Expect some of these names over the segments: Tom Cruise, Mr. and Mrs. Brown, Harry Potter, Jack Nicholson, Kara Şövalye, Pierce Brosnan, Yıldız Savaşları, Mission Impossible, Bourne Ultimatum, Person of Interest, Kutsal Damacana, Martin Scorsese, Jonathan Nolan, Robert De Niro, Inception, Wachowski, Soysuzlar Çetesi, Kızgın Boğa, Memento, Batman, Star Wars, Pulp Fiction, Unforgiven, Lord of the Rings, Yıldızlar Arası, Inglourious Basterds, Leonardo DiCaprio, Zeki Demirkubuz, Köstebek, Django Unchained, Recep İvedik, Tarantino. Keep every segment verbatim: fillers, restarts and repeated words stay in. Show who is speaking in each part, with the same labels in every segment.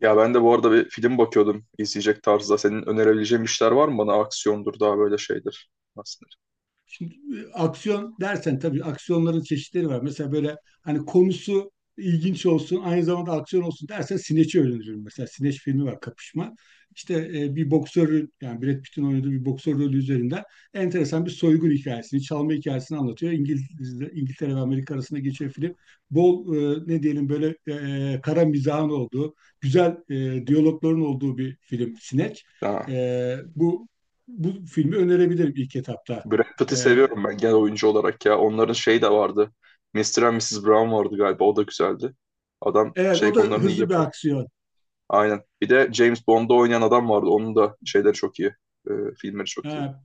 Speaker 1: Ya ben de bu arada bir film bakıyordum izleyecek tarzda. Senin önerebileceğin işler var mı bana? Aksiyondur daha böyle şeydir. Nasıl?
Speaker 2: Şimdi e, aksiyon dersen tabii aksiyonların çeşitleri var. Mesela böyle hani konusu ilginç olsun, aynı zamanda aksiyon olsun dersen Sineç'i öğrenirim. Mesela Sineç filmi var, Kapışma. İşte e, bir boksörün, yani Brad Pitt'in oynadığı bir boksör rolü üzerinden enteresan bir soygun hikayesini, çalma hikayesini anlatıyor. İngiliz, İngiltere ve Amerika arasında geçen film. Bol e, ne diyelim böyle e, kara mizahın olduğu, güzel e, diyalogların olduğu bir film Sineç.
Speaker 1: Denir? Ha.
Speaker 2: E, bu bu filmi önerebilirim ilk etapta.
Speaker 1: Brad Pitt'i
Speaker 2: Ee,
Speaker 1: seviyorum ben genel oyuncu olarak ya. Onların şey de vardı. mister and misiz Brown vardı galiba. O da güzeldi. Adam
Speaker 2: evet,
Speaker 1: şey
Speaker 2: o da
Speaker 1: konularını iyi
Speaker 2: hızlı bir
Speaker 1: yapıyor.
Speaker 2: aksiyon.
Speaker 1: Aynen. Bir de James Bond'da oynayan adam vardı. Onun da şeyleri çok iyi. Ee, filmleri çok iyi.
Speaker 2: Ha,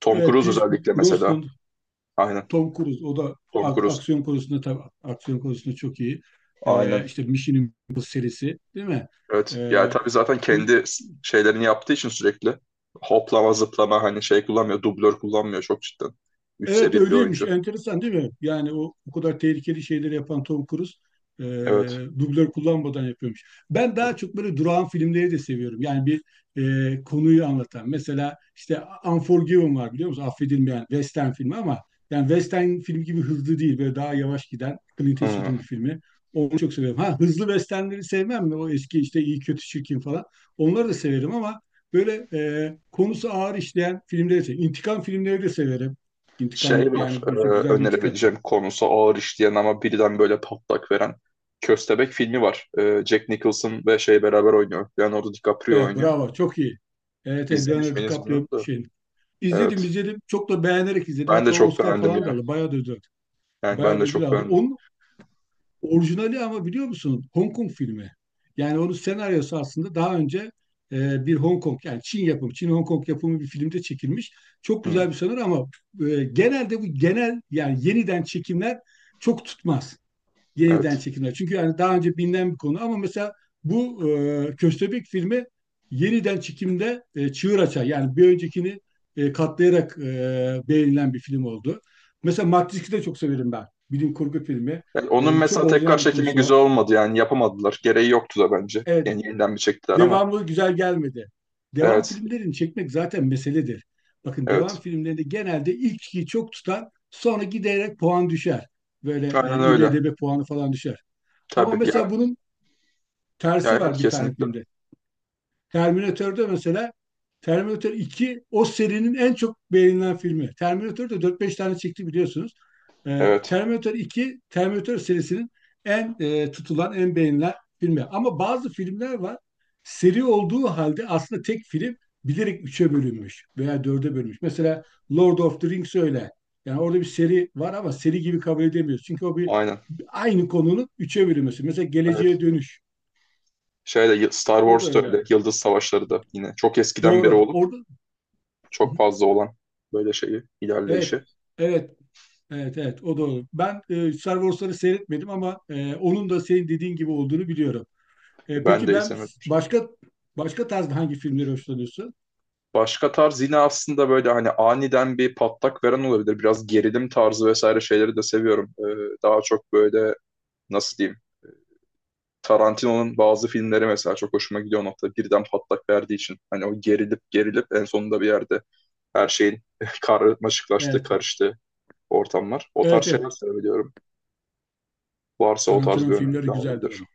Speaker 1: Tom
Speaker 2: evet,
Speaker 1: Cruise
Speaker 2: Pierce
Speaker 1: özellikle mesela.
Speaker 2: Brosnan,
Speaker 1: Aynen.
Speaker 2: Tom Cruise, o da
Speaker 1: Tom
Speaker 2: ak-
Speaker 1: Cruise.
Speaker 2: aksiyon konusunda, tabii aksiyon konusunda çok iyi. Ee,
Speaker 1: Aynen.
Speaker 2: işte Mission Impossible serisi, değil mi?
Speaker 1: Evet. Yani
Speaker 2: Ee,
Speaker 1: tabii zaten
Speaker 2: bu
Speaker 1: kendi şeylerini yaptığı için sürekli hoplama zıplama hani şey kullanmıyor. Dublör kullanmıyor çok cidden. Üst
Speaker 2: Evet,
Speaker 1: seviye bir
Speaker 2: öyleymiş.
Speaker 1: oyuncu.
Speaker 2: Enteresan değil mi? Yani o, o kadar tehlikeli şeyleri yapan Tom Cruise e,
Speaker 1: Evet.
Speaker 2: dublör kullanmadan yapıyormuş. Ben daha çok böyle durağan filmleri de seviyorum. Yani bir e, konuyu anlatan. Mesela işte Unforgiven var, biliyor musun? Affedilmeyen Western filmi ama yani Western film gibi hızlı değil. Böyle daha yavaş giden Clint
Speaker 1: Hmm.
Speaker 2: Eastwood'un bir filmi. Onu çok seviyorum. Ha, hızlı Westernleri sevmem mi? O eski işte iyi kötü çirkin falan. Onları da severim ama böyle e, konusu ağır işleyen filmleri severim. İntikam filmleri de severim. İntikam
Speaker 1: Şey var
Speaker 2: yani
Speaker 1: e,
Speaker 2: bir, güzel bir intikam.
Speaker 1: önerebileceğim konusu ağır işleyen ama birden böyle patlak veren Köstebek filmi var. E, Jack Nicholson ve şey beraber oynuyor. Leonardo DiCaprio
Speaker 2: Evet,
Speaker 1: oynuyor.
Speaker 2: bravo, çok iyi. Evet, evet,
Speaker 1: İzlemiş
Speaker 2: Leonardo
Speaker 1: miydiniz bilmiyorum
Speaker 2: DiCaprio
Speaker 1: da.
Speaker 2: şey. İzledim
Speaker 1: Evet.
Speaker 2: izledim. Çok da beğenerek izledim.
Speaker 1: Ben de
Speaker 2: Hatta o
Speaker 1: çok
Speaker 2: Oscar
Speaker 1: beğendim
Speaker 2: falan da
Speaker 1: ya.
Speaker 2: aldı. Bayağı da ödül aldı.
Speaker 1: Yani ben
Speaker 2: Bayağı da
Speaker 1: de
Speaker 2: ödül
Speaker 1: çok
Speaker 2: aldı.
Speaker 1: beğendim.
Speaker 2: Onun orijinali ama, biliyor musun? Hong Kong filmi. Yani onun senaryosu aslında daha önce e, bir Hong Kong yani Çin yapımı, Çin Hong Kong yapımı bir filmde çekilmiş. Çok
Speaker 1: Hmm.
Speaker 2: güzel bir senaryo ama e, genelde bu genel yani yeniden çekimler çok tutmaz. Yeniden
Speaker 1: Evet.
Speaker 2: çekimler. Çünkü yani daha önce bilinen bir konu ama mesela bu e, Köstebek filmi yeniden çekimde e, çığır açar. Yani bir öncekini e, katlayarak e, beğenilen bir film oldu. Mesela Matrix'i de çok severim ben. Bilim kurgu filmi.
Speaker 1: Yani onun
Speaker 2: E, çok
Speaker 1: mesela tekrar
Speaker 2: orijinal bir
Speaker 1: çekimi
Speaker 2: konusu var.
Speaker 1: güzel olmadı yani yapamadılar. Gereği yoktu da bence.
Speaker 2: Evet,
Speaker 1: Yani yeniden bir çektiler ama.
Speaker 2: devamı güzel gelmedi. Devam
Speaker 1: Evet,
Speaker 2: filmlerini çekmek zaten meseledir. Bakın, devam
Speaker 1: evet.
Speaker 2: filmlerinde genelde ilkiyi çok tutan sonra giderek puan düşer. Böyle
Speaker 1: Aynen
Speaker 2: e,
Speaker 1: öyle.
Speaker 2: i me de be puanı falan düşer. Ama
Speaker 1: Tabii.
Speaker 2: mesela
Speaker 1: Ya,
Speaker 2: bunun
Speaker 1: ya
Speaker 2: tersi
Speaker 1: evet
Speaker 2: var bir tane
Speaker 1: kesinlikle.
Speaker 2: filmde. Terminator'da mesela Terminator iki o serinin en çok beğenilen filmi. Terminator'da dört beş tane çekti, biliyorsunuz. Ee,
Speaker 1: Evet.
Speaker 2: Terminator iki Terminator serisinin en e, tutulan, en beğenilen filmi. Ama bazı filmler var. Seri olduğu halde aslında tek film bilerek üç'e bölünmüş veya dörde bölünmüş. Mesela Lord of the Rings öyle. Yani orada bir seri var ama seri gibi kabul edemiyoruz. Çünkü o bir,
Speaker 1: Aynen.
Speaker 2: aynı konunun üç'e bölünmesi. Mesela Geleceğe
Speaker 1: Evet.
Speaker 2: Dönüş.
Speaker 1: Şey de Star
Speaker 2: O da
Speaker 1: Wars da öyle.
Speaker 2: öyle.
Speaker 1: Yıldız Savaşları da yine çok eskiden beri
Speaker 2: Doğru.
Speaker 1: olup
Speaker 2: Orada. Hı hı.
Speaker 1: çok fazla olan böyle şeyi,
Speaker 2: Evet.
Speaker 1: ilerleyişi.
Speaker 2: Evet. Evet, evet, o doğru. Ben e, Star Wars'ları seyretmedim ama e, onun da senin dediğin gibi olduğunu biliyorum. E,
Speaker 1: Ben
Speaker 2: peki
Speaker 1: de
Speaker 2: ben
Speaker 1: izlemedim.
Speaker 2: başka başka tarzda hangi filmleri hoşlanıyorsun?
Speaker 1: Başka tarz yine aslında böyle hani aniden bir patlak veren olabilir. Biraz gerilim tarzı vesaire şeyleri de seviyorum. Ee, daha çok böyle nasıl diyeyim Tarantino'nun bazı filmleri mesela çok hoşuma gidiyor o noktada. Birden patlak verdiği için. Hani o gerilip gerilip en sonunda bir yerde her şeyin karmaşıklaştığı,
Speaker 2: Evet.
Speaker 1: karıştığı ortamlar. O tarz
Speaker 2: Evet,
Speaker 1: şeyler
Speaker 2: evet.
Speaker 1: sevebiliyorum. Varsa o tarz
Speaker 2: Tarantino'nun
Speaker 1: bir öneri
Speaker 2: filmleri
Speaker 1: falan
Speaker 2: güzeldir
Speaker 1: olabilir.
Speaker 2: ama.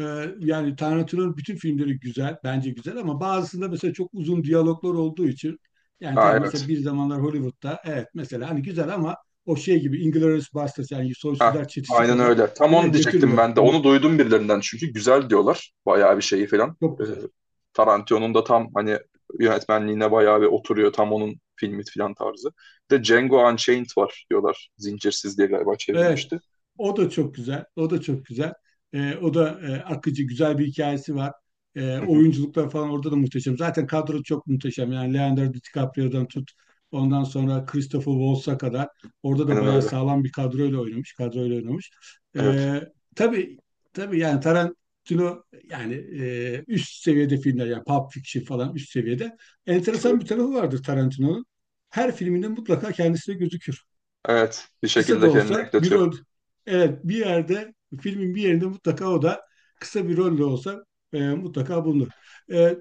Speaker 2: Ee, yani Tarantino'nun bütün filmleri güzel, bence güzel, ama bazısında mesela çok uzun diyaloglar olduğu için yani
Speaker 1: Ha
Speaker 2: tabii mesela
Speaker 1: evet.
Speaker 2: bir zamanlar Hollywood'da evet mesela hani güzel ama o şey gibi Inglourious Basterds yani
Speaker 1: Ha
Speaker 2: Soysuzlar Çetesi
Speaker 1: aynen
Speaker 2: kadar
Speaker 1: öyle. Tam
Speaker 2: değil mi?
Speaker 1: onu diyecektim
Speaker 2: Götürmüyor.
Speaker 1: ben de.
Speaker 2: Onu,
Speaker 1: Onu duydum birilerinden çünkü güzel diyorlar. Bayağı bir şeyi falan.
Speaker 2: çok
Speaker 1: Ee,
Speaker 2: güzel.
Speaker 1: Tarantino'nun da tam hani yönetmenliğine bayağı bir oturuyor. Tam onun filmi falan tarzı. Bir de Django Unchained var diyorlar. Zincirsiz diye galiba
Speaker 2: Evet,
Speaker 1: çevrilmişti.
Speaker 2: o da çok güzel, o da çok güzel. Ee, o da e, akıcı, güzel bir hikayesi var. Ee, oyunculuklar falan orada da muhteşem. Zaten kadro çok muhteşem. Yani Leonardo DiCaprio'dan tut, ondan sonra Christopher Waltz'a kadar. Orada da
Speaker 1: Aynen
Speaker 2: bayağı
Speaker 1: öyle.
Speaker 2: sağlam bir kadroyla oynamış, kadroyla oynamış.
Speaker 1: Evet.
Speaker 2: Ee, tabii, tabii yani Tarantino yani e, üst seviyede filmler, yani Pulp Fiction falan üst seviyede.
Speaker 1: Tabii.
Speaker 2: Enteresan bir tarafı vardır Tarantino'nun. Her filminde mutlaka kendisi de gözükür,
Speaker 1: Evet. Bir
Speaker 2: kısa da
Speaker 1: şekilde kendini
Speaker 2: olsa bir
Speaker 1: ekletiyor.
Speaker 2: rol, evet, bir yerde, filmin bir yerinde mutlaka o da, kısa bir rol de olsa e, mutlaka bulunur. E,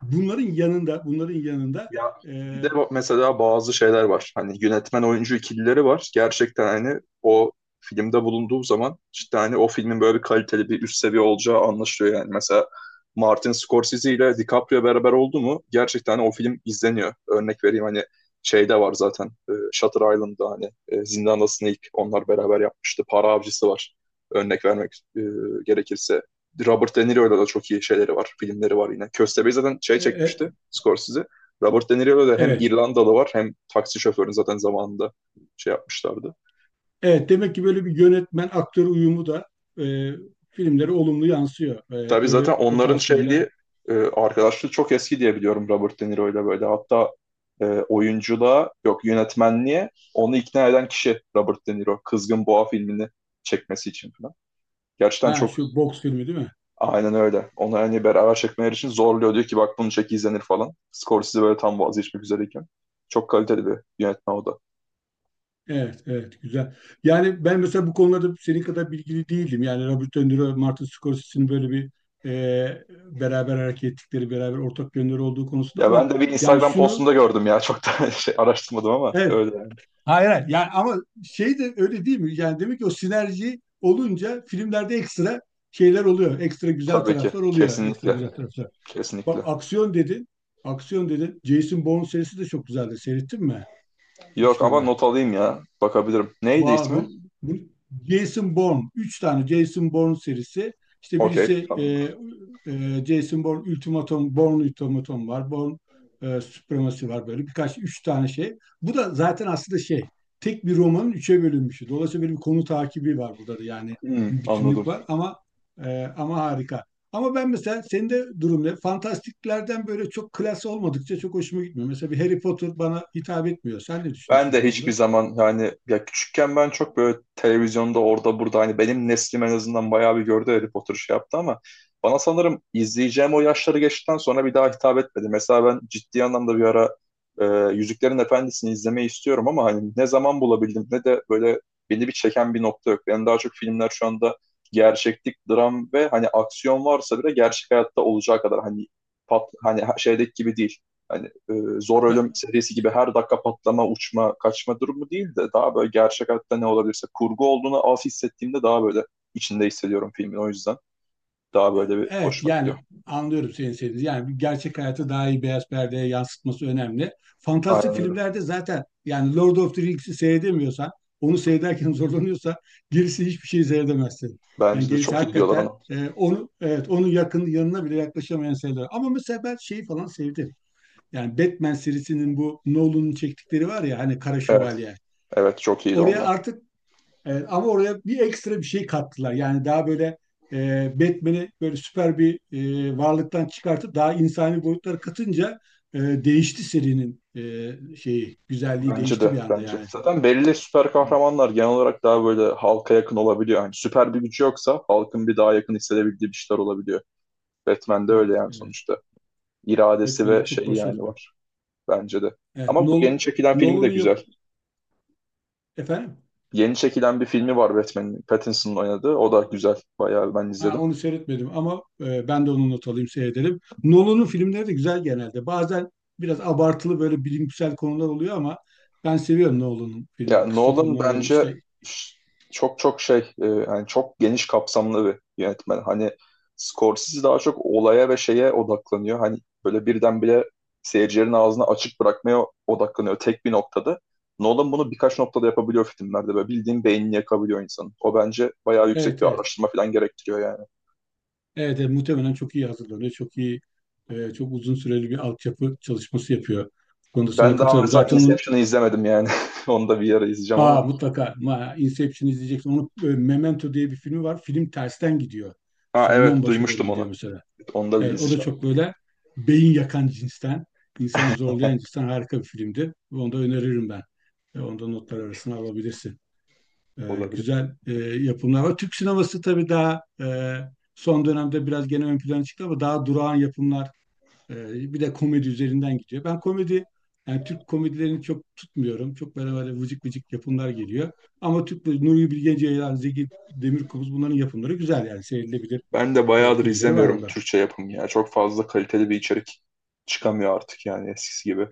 Speaker 2: Bunların yanında, bunların yanında,
Speaker 1: Ya
Speaker 2: e,
Speaker 1: bir de bu- mesela bazı şeyler var. Hani yönetmen oyuncu ikilileri var. Gerçekten hani o filmde bulunduğu zaman işte hani o filmin böyle bir kaliteli bir üst seviye olacağı anlaşılıyor yani. Mesela Martin Scorsese ile DiCaprio beraber oldu mu gerçekten hani o film izleniyor. Örnek vereyim hani şeyde var zaten e, Shutter Island'da hani e, Zindan Snake onlar beraber yapmıştı. Para Avcısı var örnek vermek e, gerekirse. Robert De Niro'yla da çok iyi şeyleri var, filmleri var yine. Köstebeği zaten şey
Speaker 2: e,
Speaker 1: çekmişti,
Speaker 2: e,
Speaker 1: Scorsese. Robert De Niro da hem
Speaker 2: evet
Speaker 1: İrlandalı var hem taksi şoförünü zaten zamanında şey yapmışlardı.
Speaker 2: evet, demek ki böyle bir yönetmen aktör uyumu da e, filmlere olumlu yansıyor. E,
Speaker 1: Tabii
Speaker 2: öyle,
Speaker 1: zaten
Speaker 2: o
Speaker 1: onların
Speaker 2: tarz filmler.
Speaker 1: şeydi e, arkadaşlığı çok eski diye biliyorum Robert De Niro ile böyle. Hatta e, oyunculuğa yok yönetmenliğe onu ikna eden kişi Robert De Niro. Kızgın Boğa filmini çekmesi için falan. Gerçekten
Speaker 2: Ha,
Speaker 1: çok
Speaker 2: şu boks filmi değil mi?
Speaker 1: aynen öyle. Onu hani beraber çekmeleri için zorluyor. Diyor ki bak bunu çek izlenir falan. Scorsese böyle tam vazgeçmek üzereyken. Çok kaliteli bir yönetmen o da.
Speaker 2: Evet, evet, güzel. Yani ben mesela bu konularda senin kadar bilgili değildim. Yani Robert De Niro, Martin Scorsese'nin böyle bir e, beraber hareket ettikleri, beraber ortak yönleri olduğu konusunda
Speaker 1: Ya
Speaker 2: ama
Speaker 1: ben de bir
Speaker 2: yani
Speaker 1: Instagram
Speaker 2: şunu,
Speaker 1: postunda gördüm ya. Çok da şey araştırmadım ama
Speaker 2: evet,
Speaker 1: öyle. Yani.
Speaker 2: hayır, hayır. Yani ama şey de öyle değil mi? Yani demek ki o sinerji olunca filmlerde ekstra şeyler oluyor. Ekstra güzel
Speaker 1: Tabii ki.
Speaker 2: taraflar oluyor. Ekstra
Speaker 1: Kesinlikle.
Speaker 2: güzel taraflar. Bak,
Speaker 1: Kesinlikle.
Speaker 2: aksiyon dedin. Aksiyon dedin. Jason Bourne serisi de çok güzeldi. Seyrettin mi?
Speaker 1: Yok ama
Speaker 2: Üçleme.
Speaker 1: not alayım ya. Bakabilirim. Neydi
Speaker 2: Va-
Speaker 1: ismi?
Speaker 2: bu, bu Jason Bourne. Üç tane Jason Bourne serisi. İşte
Speaker 1: Okey.
Speaker 2: birisi e,
Speaker 1: Tamamdır.
Speaker 2: e, Jason Bourne Ultimatum, Bourne Ultimatum var. Bourne e, Supremacy var böyle. Birkaç, üç tane şey. Bu da zaten aslında şey. Tek bir romanın üçe bölünmüşü. Dolayısıyla böyle bir konu takibi var burada da. Yani
Speaker 1: Hmm,
Speaker 2: bir bütünlük
Speaker 1: anladım.
Speaker 2: var ama e, ama harika. Ama ben mesela senin de durum ne? Fantastiklerden böyle çok klas olmadıkça çok hoşuma gitmiyor. Mesela bir Harry Potter bana hitap etmiyor. Sen ne
Speaker 1: Ben
Speaker 2: düşünüyorsun
Speaker 1: de
Speaker 2: bu
Speaker 1: hiçbir
Speaker 2: konuda?
Speaker 1: zaman yani ya küçükken ben çok böyle televizyonda orada burada hani benim neslim en azından bayağı bir gördü Harry Potter şey yaptı ama bana sanırım izleyeceğim o yaşları geçtikten sonra bir daha hitap etmedi. Mesela ben ciddi anlamda bir ara e, Yüzüklerin Efendisi'ni izlemeyi istiyorum ama hani ne zaman bulabildim ne de böyle beni bir çeken bir nokta yok. Yani daha çok filmler şu anda gerçeklik, dram ve hani aksiyon varsa bile gerçek hayatta olacağı kadar hani pat, hani şeydeki gibi değil hani e, zor
Speaker 2: Ben,
Speaker 1: ölüm serisi gibi her dakika patlama, uçma, kaçma durumu değil de daha böyle gerçek hayatta ne olabilirse kurgu olduğunu az hissettiğimde daha böyle içinde hissediyorum filmin o yüzden. Daha böyle bir
Speaker 2: Evet,
Speaker 1: hoşuma gidiyor.
Speaker 2: yani anlıyorum senin sevdiğini. Yani gerçek hayatı daha iyi beyaz perdeye yansıtması önemli. Fantastik
Speaker 1: Aynen öyle.
Speaker 2: filmlerde zaten yani Lord of the Rings'i seyredemiyorsan, onu seyrederken zorlanıyorsa gerisi hiçbir şey seyredemezsin. Yani
Speaker 1: Bence de
Speaker 2: gerisi
Speaker 1: çok iyi diyorlar
Speaker 2: hakikaten
Speaker 1: ona.
Speaker 2: e, onu, evet, onun yakın yanına bile yaklaşamayan seyirler. Ama mesela ben şeyi falan sevdim. Yani Batman serisinin bu Nolan'ın çektikleri var ya, hani Kara
Speaker 1: Evet.
Speaker 2: Şövalye.
Speaker 1: Evet çok iyiydi
Speaker 2: Oraya
Speaker 1: onlar.
Speaker 2: artık. Evet, ama oraya bir ekstra bir şey kattılar. Yani daha böyle e, Batman'i böyle süper bir e, varlıktan çıkartıp daha insani boyutlara katınca e, değişti serinin e, şeyi, güzelliği
Speaker 1: Bence
Speaker 2: değişti
Speaker 1: de.
Speaker 2: bir anda
Speaker 1: Bence.
Speaker 2: yani.
Speaker 1: Zaten belli süper kahramanlar genel olarak daha böyle halka yakın olabiliyor. Yani süper bir gücü yoksa halkın bir daha yakın hissedebildiği bir şeyler olabiliyor. Batman'de öyle
Speaker 2: Evet,
Speaker 1: yani
Speaker 2: evet.
Speaker 1: sonuçta. İradesi
Speaker 2: Batman
Speaker 1: ve
Speaker 2: de çok
Speaker 1: şeyi yani
Speaker 2: başarılı.
Speaker 1: var. Bence de.
Speaker 2: Evet,
Speaker 1: Ama bu yeni
Speaker 2: Nolan,
Speaker 1: çekilen filmi de
Speaker 2: Nolan'ın yap
Speaker 1: güzel.
Speaker 2: efendim.
Speaker 1: Yeni çekilen bir filmi var Batman'in. Pattinson'ın oynadığı. O da güzel. Bayağı ben
Speaker 2: Ha,
Speaker 1: izledim.
Speaker 2: onu seyretmedim ama e, ben de onu not alayım, seyredelim. Nolan'ın filmleri de güzel genelde. Bazen biraz abartılı böyle bilimsel konular oluyor ama ben seviyorum Nolan'ın
Speaker 1: Ya
Speaker 2: filmleri. Christopher
Speaker 1: Nolan
Speaker 2: Nolan'ın
Speaker 1: bence
Speaker 2: işte.
Speaker 1: ş- çok çok şey e, yani çok geniş kapsamlı bir yönetmen. Hani Scorsese daha çok olaya ve şeye odaklanıyor. Hani böyle birdenbire seyircilerin ağzını açık bırakmaya odaklanıyor tek bir noktada. Nolan bunu birkaç noktada yapabiliyor filmlerde ve bildiğin beynini yakabiliyor insanın. O bence bayağı yüksek
Speaker 2: Evet,
Speaker 1: bir
Speaker 2: evet.
Speaker 1: araştırma falan gerektiriyor yani.
Speaker 2: Evet, evet, muhtemelen çok iyi hazırlanıyor. Çok iyi, e, çok uzun süreli bir altyapı çalışması yapıyor. Bu konuda sana
Speaker 1: Ben daha
Speaker 2: katılıyorum.
Speaker 1: mesela
Speaker 2: Zaten onun.
Speaker 1: Inception'ı izlemedim yani. Onu da bir ara izleyeceğim
Speaker 2: Aa,
Speaker 1: ama.
Speaker 2: mutlaka. Ma, Inception izleyeceksin. Onu, e, Memento diye bir filmi var. Film tersten gidiyor.
Speaker 1: Ha
Speaker 2: Sondan
Speaker 1: evet
Speaker 2: başa doğru
Speaker 1: duymuştum
Speaker 2: gidiyor
Speaker 1: onu.
Speaker 2: mesela.
Speaker 1: Onu da bir
Speaker 2: Evet, o da
Speaker 1: izleyeceğim.
Speaker 2: çok böyle beyin yakan cinsten, insanı zorlayan cinsten harika bir filmdi. Onu da öneririm ben. E, onu da notlar
Speaker 1: Olabilir.
Speaker 2: arasına alabilirsin. E,
Speaker 1: Olabilir.
Speaker 2: güzel, e, yapımlar var. Türk sineması tabii daha e, son dönemde biraz gene ön plana çıktı ama daha durağan yapımlar, ee, bir de komedi üzerinden gidiyor. Ben komedi, yani Türk komedilerini çok tutmuyorum. Çok böyle böyle vıcık vıcık yapımlar geliyor. Ama Türk, Nuri Bilge Ceylan, Zeki Demirkubuz, bunların yapımları güzel, yani seyredilebilir
Speaker 1: Ben de
Speaker 2: e,
Speaker 1: bayağıdır
Speaker 2: filmleri var
Speaker 1: izlemiyorum
Speaker 2: onların.
Speaker 1: Türkçe yapım ya. Çok fazla kaliteli bir içerik çıkamıyor artık yani eskisi gibi.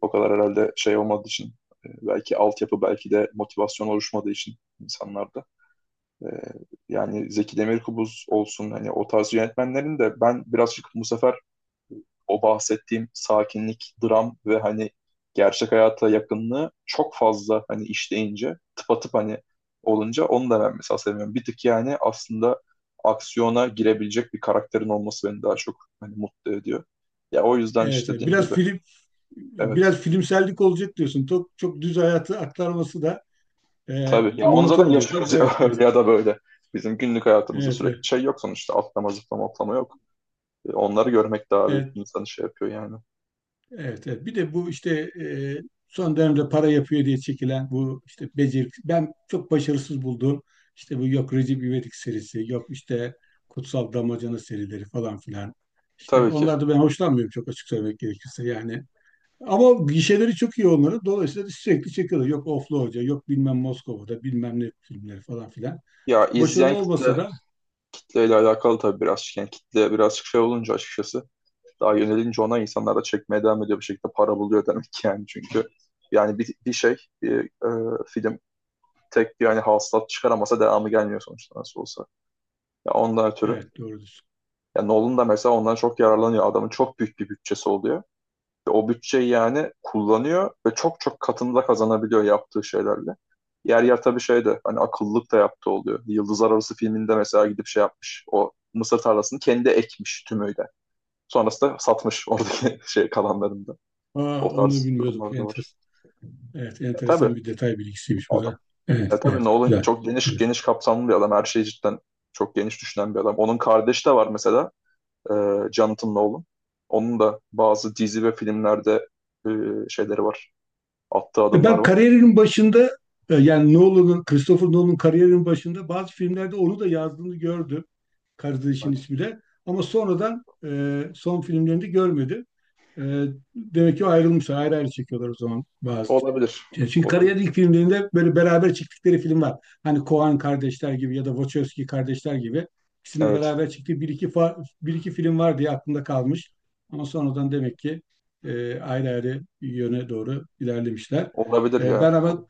Speaker 1: O kadar herhalde şey olmadığı için e, belki altyapı belki de motivasyon oluşmadığı için insanlarda. E, yani Zeki Demirkubuz olsun hani o tarz yönetmenlerin de ben birazcık bu sefer o bahsettiğim sakinlik, dram ve hani gerçek hayata yakınlığı çok fazla hani işleyince tıpatıp hani olunca onu da ben mesela sevmiyorum. Bir tık yani aslında aksiyona girebilecek bir karakterin olması beni daha çok hani mutlu ediyor. Ya o yüzden
Speaker 2: Evet,
Speaker 1: işte
Speaker 2: evet.
Speaker 1: dediğim
Speaker 2: Biraz
Speaker 1: gibi
Speaker 2: film
Speaker 1: evet
Speaker 2: biraz filmsellik olacak diyorsun. Çok çok düz hayatı aktarması da e,
Speaker 1: tabii ya onu
Speaker 2: monoton
Speaker 1: zaten
Speaker 2: oluyor değil mi?
Speaker 1: yaşıyoruz
Speaker 2: Evet,
Speaker 1: ya
Speaker 2: evet.
Speaker 1: öyle ya da böyle. Bizim günlük hayatımızda
Speaker 2: Evet,
Speaker 1: sürekli
Speaker 2: evet.
Speaker 1: şey yok sonuçta atlama zıplama atlama yok. E, onları görmek daha bir
Speaker 2: Evet.
Speaker 1: insanı şey yapıyor yani.
Speaker 2: Evet, evet. Bir de bu işte e, son dönemde para yapıyor diye çekilen, bu işte becer ben çok başarısız bulduğum işte bu, yok Recep İvedik serisi, yok işte Kutsal Damacana serileri falan filan. İşte
Speaker 1: Tabii ki.
Speaker 2: onlarda ben hoşlanmıyorum, çok açık söylemek gerekirse, yani. Ama gişeleri çok iyi onların. Dolayısıyla sürekli çekiyorlar. Yok Oflu Hoca, yok bilmem Moskova'da, bilmem ne filmleri falan filan.
Speaker 1: Ya
Speaker 2: Çok başarılı
Speaker 1: izleyen
Speaker 2: olmasa
Speaker 1: kitle
Speaker 2: da,
Speaker 1: kitleyle alakalı tabii birazcık. Yani kitle birazcık şey olunca açıkçası daha yönelince ona insanlar da çekmeye devam ediyor bir şekilde para buluyor demek ki yani çünkü yani bir, bir şey bir, e, film tek bir yani hasılat çıkaramasa devamı gelmiyor sonuçta nasıl olsa. Ya ondan ötürü.
Speaker 2: evet, doğrudur.
Speaker 1: Ya Nolan da mesela ondan çok yararlanıyor. Adamın çok büyük bir bütçesi oluyor. O bütçeyi yani kullanıyor ve çok çok katında kazanabiliyor yaptığı şeylerle. Yer yer tabii şey de hani akıllılık da yaptığı oluyor. Yıldızlar Arası filminde mesela gidip şey yapmış. O mısır tarlasını kendi ekmiş tümüyle. Sonrasında satmış oradaki şey kalanlarında.
Speaker 2: Aa,
Speaker 1: O
Speaker 2: onu
Speaker 1: tarz
Speaker 2: bilmiyorduk.
Speaker 1: durumlar da var.
Speaker 2: Enteresan. Evet,
Speaker 1: Ya tabii
Speaker 2: enteresan bir detay bilgisiymiş bu
Speaker 1: adam.
Speaker 2: da. Evet,
Speaker 1: Ya tabii
Speaker 2: evet,
Speaker 1: Nolan
Speaker 2: güzel.
Speaker 1: çok geniş
Speaker 2: Güzel.
Speaker 1: geniş kapsamlı bir adam. Her şeyi cidden çok geniş düşünen bir adam. Onun kardeşi de var mesela. E, Jonathan Nolan. Onun da bazı dizi ve filmlerde e, şeyleri var. Attığı
Speaker 2: E
Speaker 1: adımlar
Speaker 2: Ben
Speaker 1: var.
Speaker 2: kariyerimin başında, e, yani Nolan'ın, Christopher Nolan'ın kariyerinin başında bazı filmlerde onu da yazdığını gördüm. Kardeşin
Speaker 1: Evet.
Speaker 2: ismi de. Ama sonradan e, son filmlerinde görmedim. Ee, Demek ki ayrılmışlar. Ayrı ayrı çekiyorlar o zaman bazı.
Speaker 1: Olabilir.
Speaker 2: Ya, çünkü
Speaker 1: Olabilir.
Speaker 2: kariyerin ilk filmlerinde böyle beraber çektikleri film var. Hani Coen kardeşler gibi ya da Wachowski kardeşler gibi. İkisinin
Speaker 1: Evet.
Speaker 2: beraber çektiği bir iki, fa- bir iki film var diye aklımda kalmış. Ama sonradan demek ki e, ayrı ayrı yöne doğru ilerlemişler.
Speaker 1: Olabilir
Speaker 2: E, ben
Speaker 1: ya.
Speaker 2: ama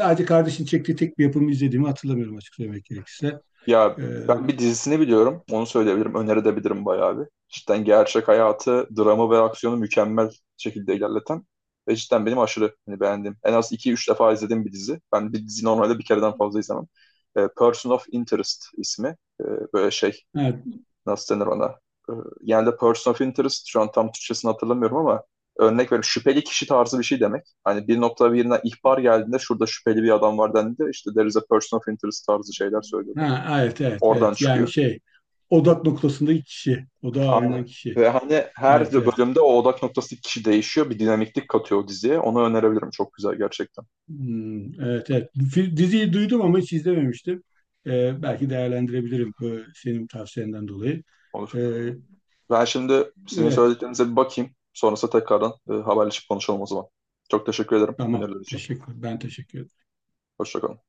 Speaker 2: sadece kardeşin çektiği tek bir yapımı izlediğimi hatırlamıyorum, açık söylemek gerekirse.
Speaker 1: Ya
Speaker 2: E,
Speaker 1: ben bir dizisini biliyorum. Onu söyleyebilirim. Önerebilirim bayağı bir. Cidden gerçek hayatı, dramı ve aksiyonu mükemmel şekilde ilerleten ve cidden benim aşırı hani beğendiğim. En az iki üç defa izlediğim bir dizi. Ben bir dizi normalde bir kereden fazla izlemem. E, Person of Interest ismi. E, böyle şey
Speaker 2: evet.
Speaker 1: nasıl denir ona? E, yani de person of interest şu an tam Türkçesini hatırlamıyorum ama örnek verip şüpheli kişi tarzı bir şey demek. Hani bir nokta birine ihbar geldiğinde şurada şüpheli bir adam var dendiğinde işte there is a person of interest tarzı şeyler söylüyorlar.
Speaker 2: Ha, evet, evet,
Speaker 1: Oradan
Speaker 2: evet. Yani
Speaker 1: çıkıyor.
Speaker 2: şey, odak noktasındaki kişi, odağa alınan
Speaker 1: Aynen.
Speaker 2: kişi.
Speaker 1: Ve hani her
Speaker 2: Evet, evet.
Speaker 1: bölümde o odak noktası kişi değişiyor. Bir dinamiklik katıyor o diziye. Onu önerebilirim. Çok güzel gerçekten.
Speaker 2: Hmm, evet, evet. Fi- Diziyi duydum ama hiç izlememiştim. Ee, belki değerlendirebilirim bu senin tavsiyenden dolayı.
Speaker 1: Olur.
Speaker 2: Ee,
Speaker 1: Ben şimdi sizin
Speaker 2: evet,
Speaker 1: söylediklerinize bir bakayım. Sonrasında tekrardan e, haberleşip konuşalım o zaman. Çok teşekkür ederim
Speaker 2: tamam.
Speaker 1: öneriler için.
Speaker 2: Teşekkür. Ben teşekkür ederim.
Speaker 1: Hoşçakalın.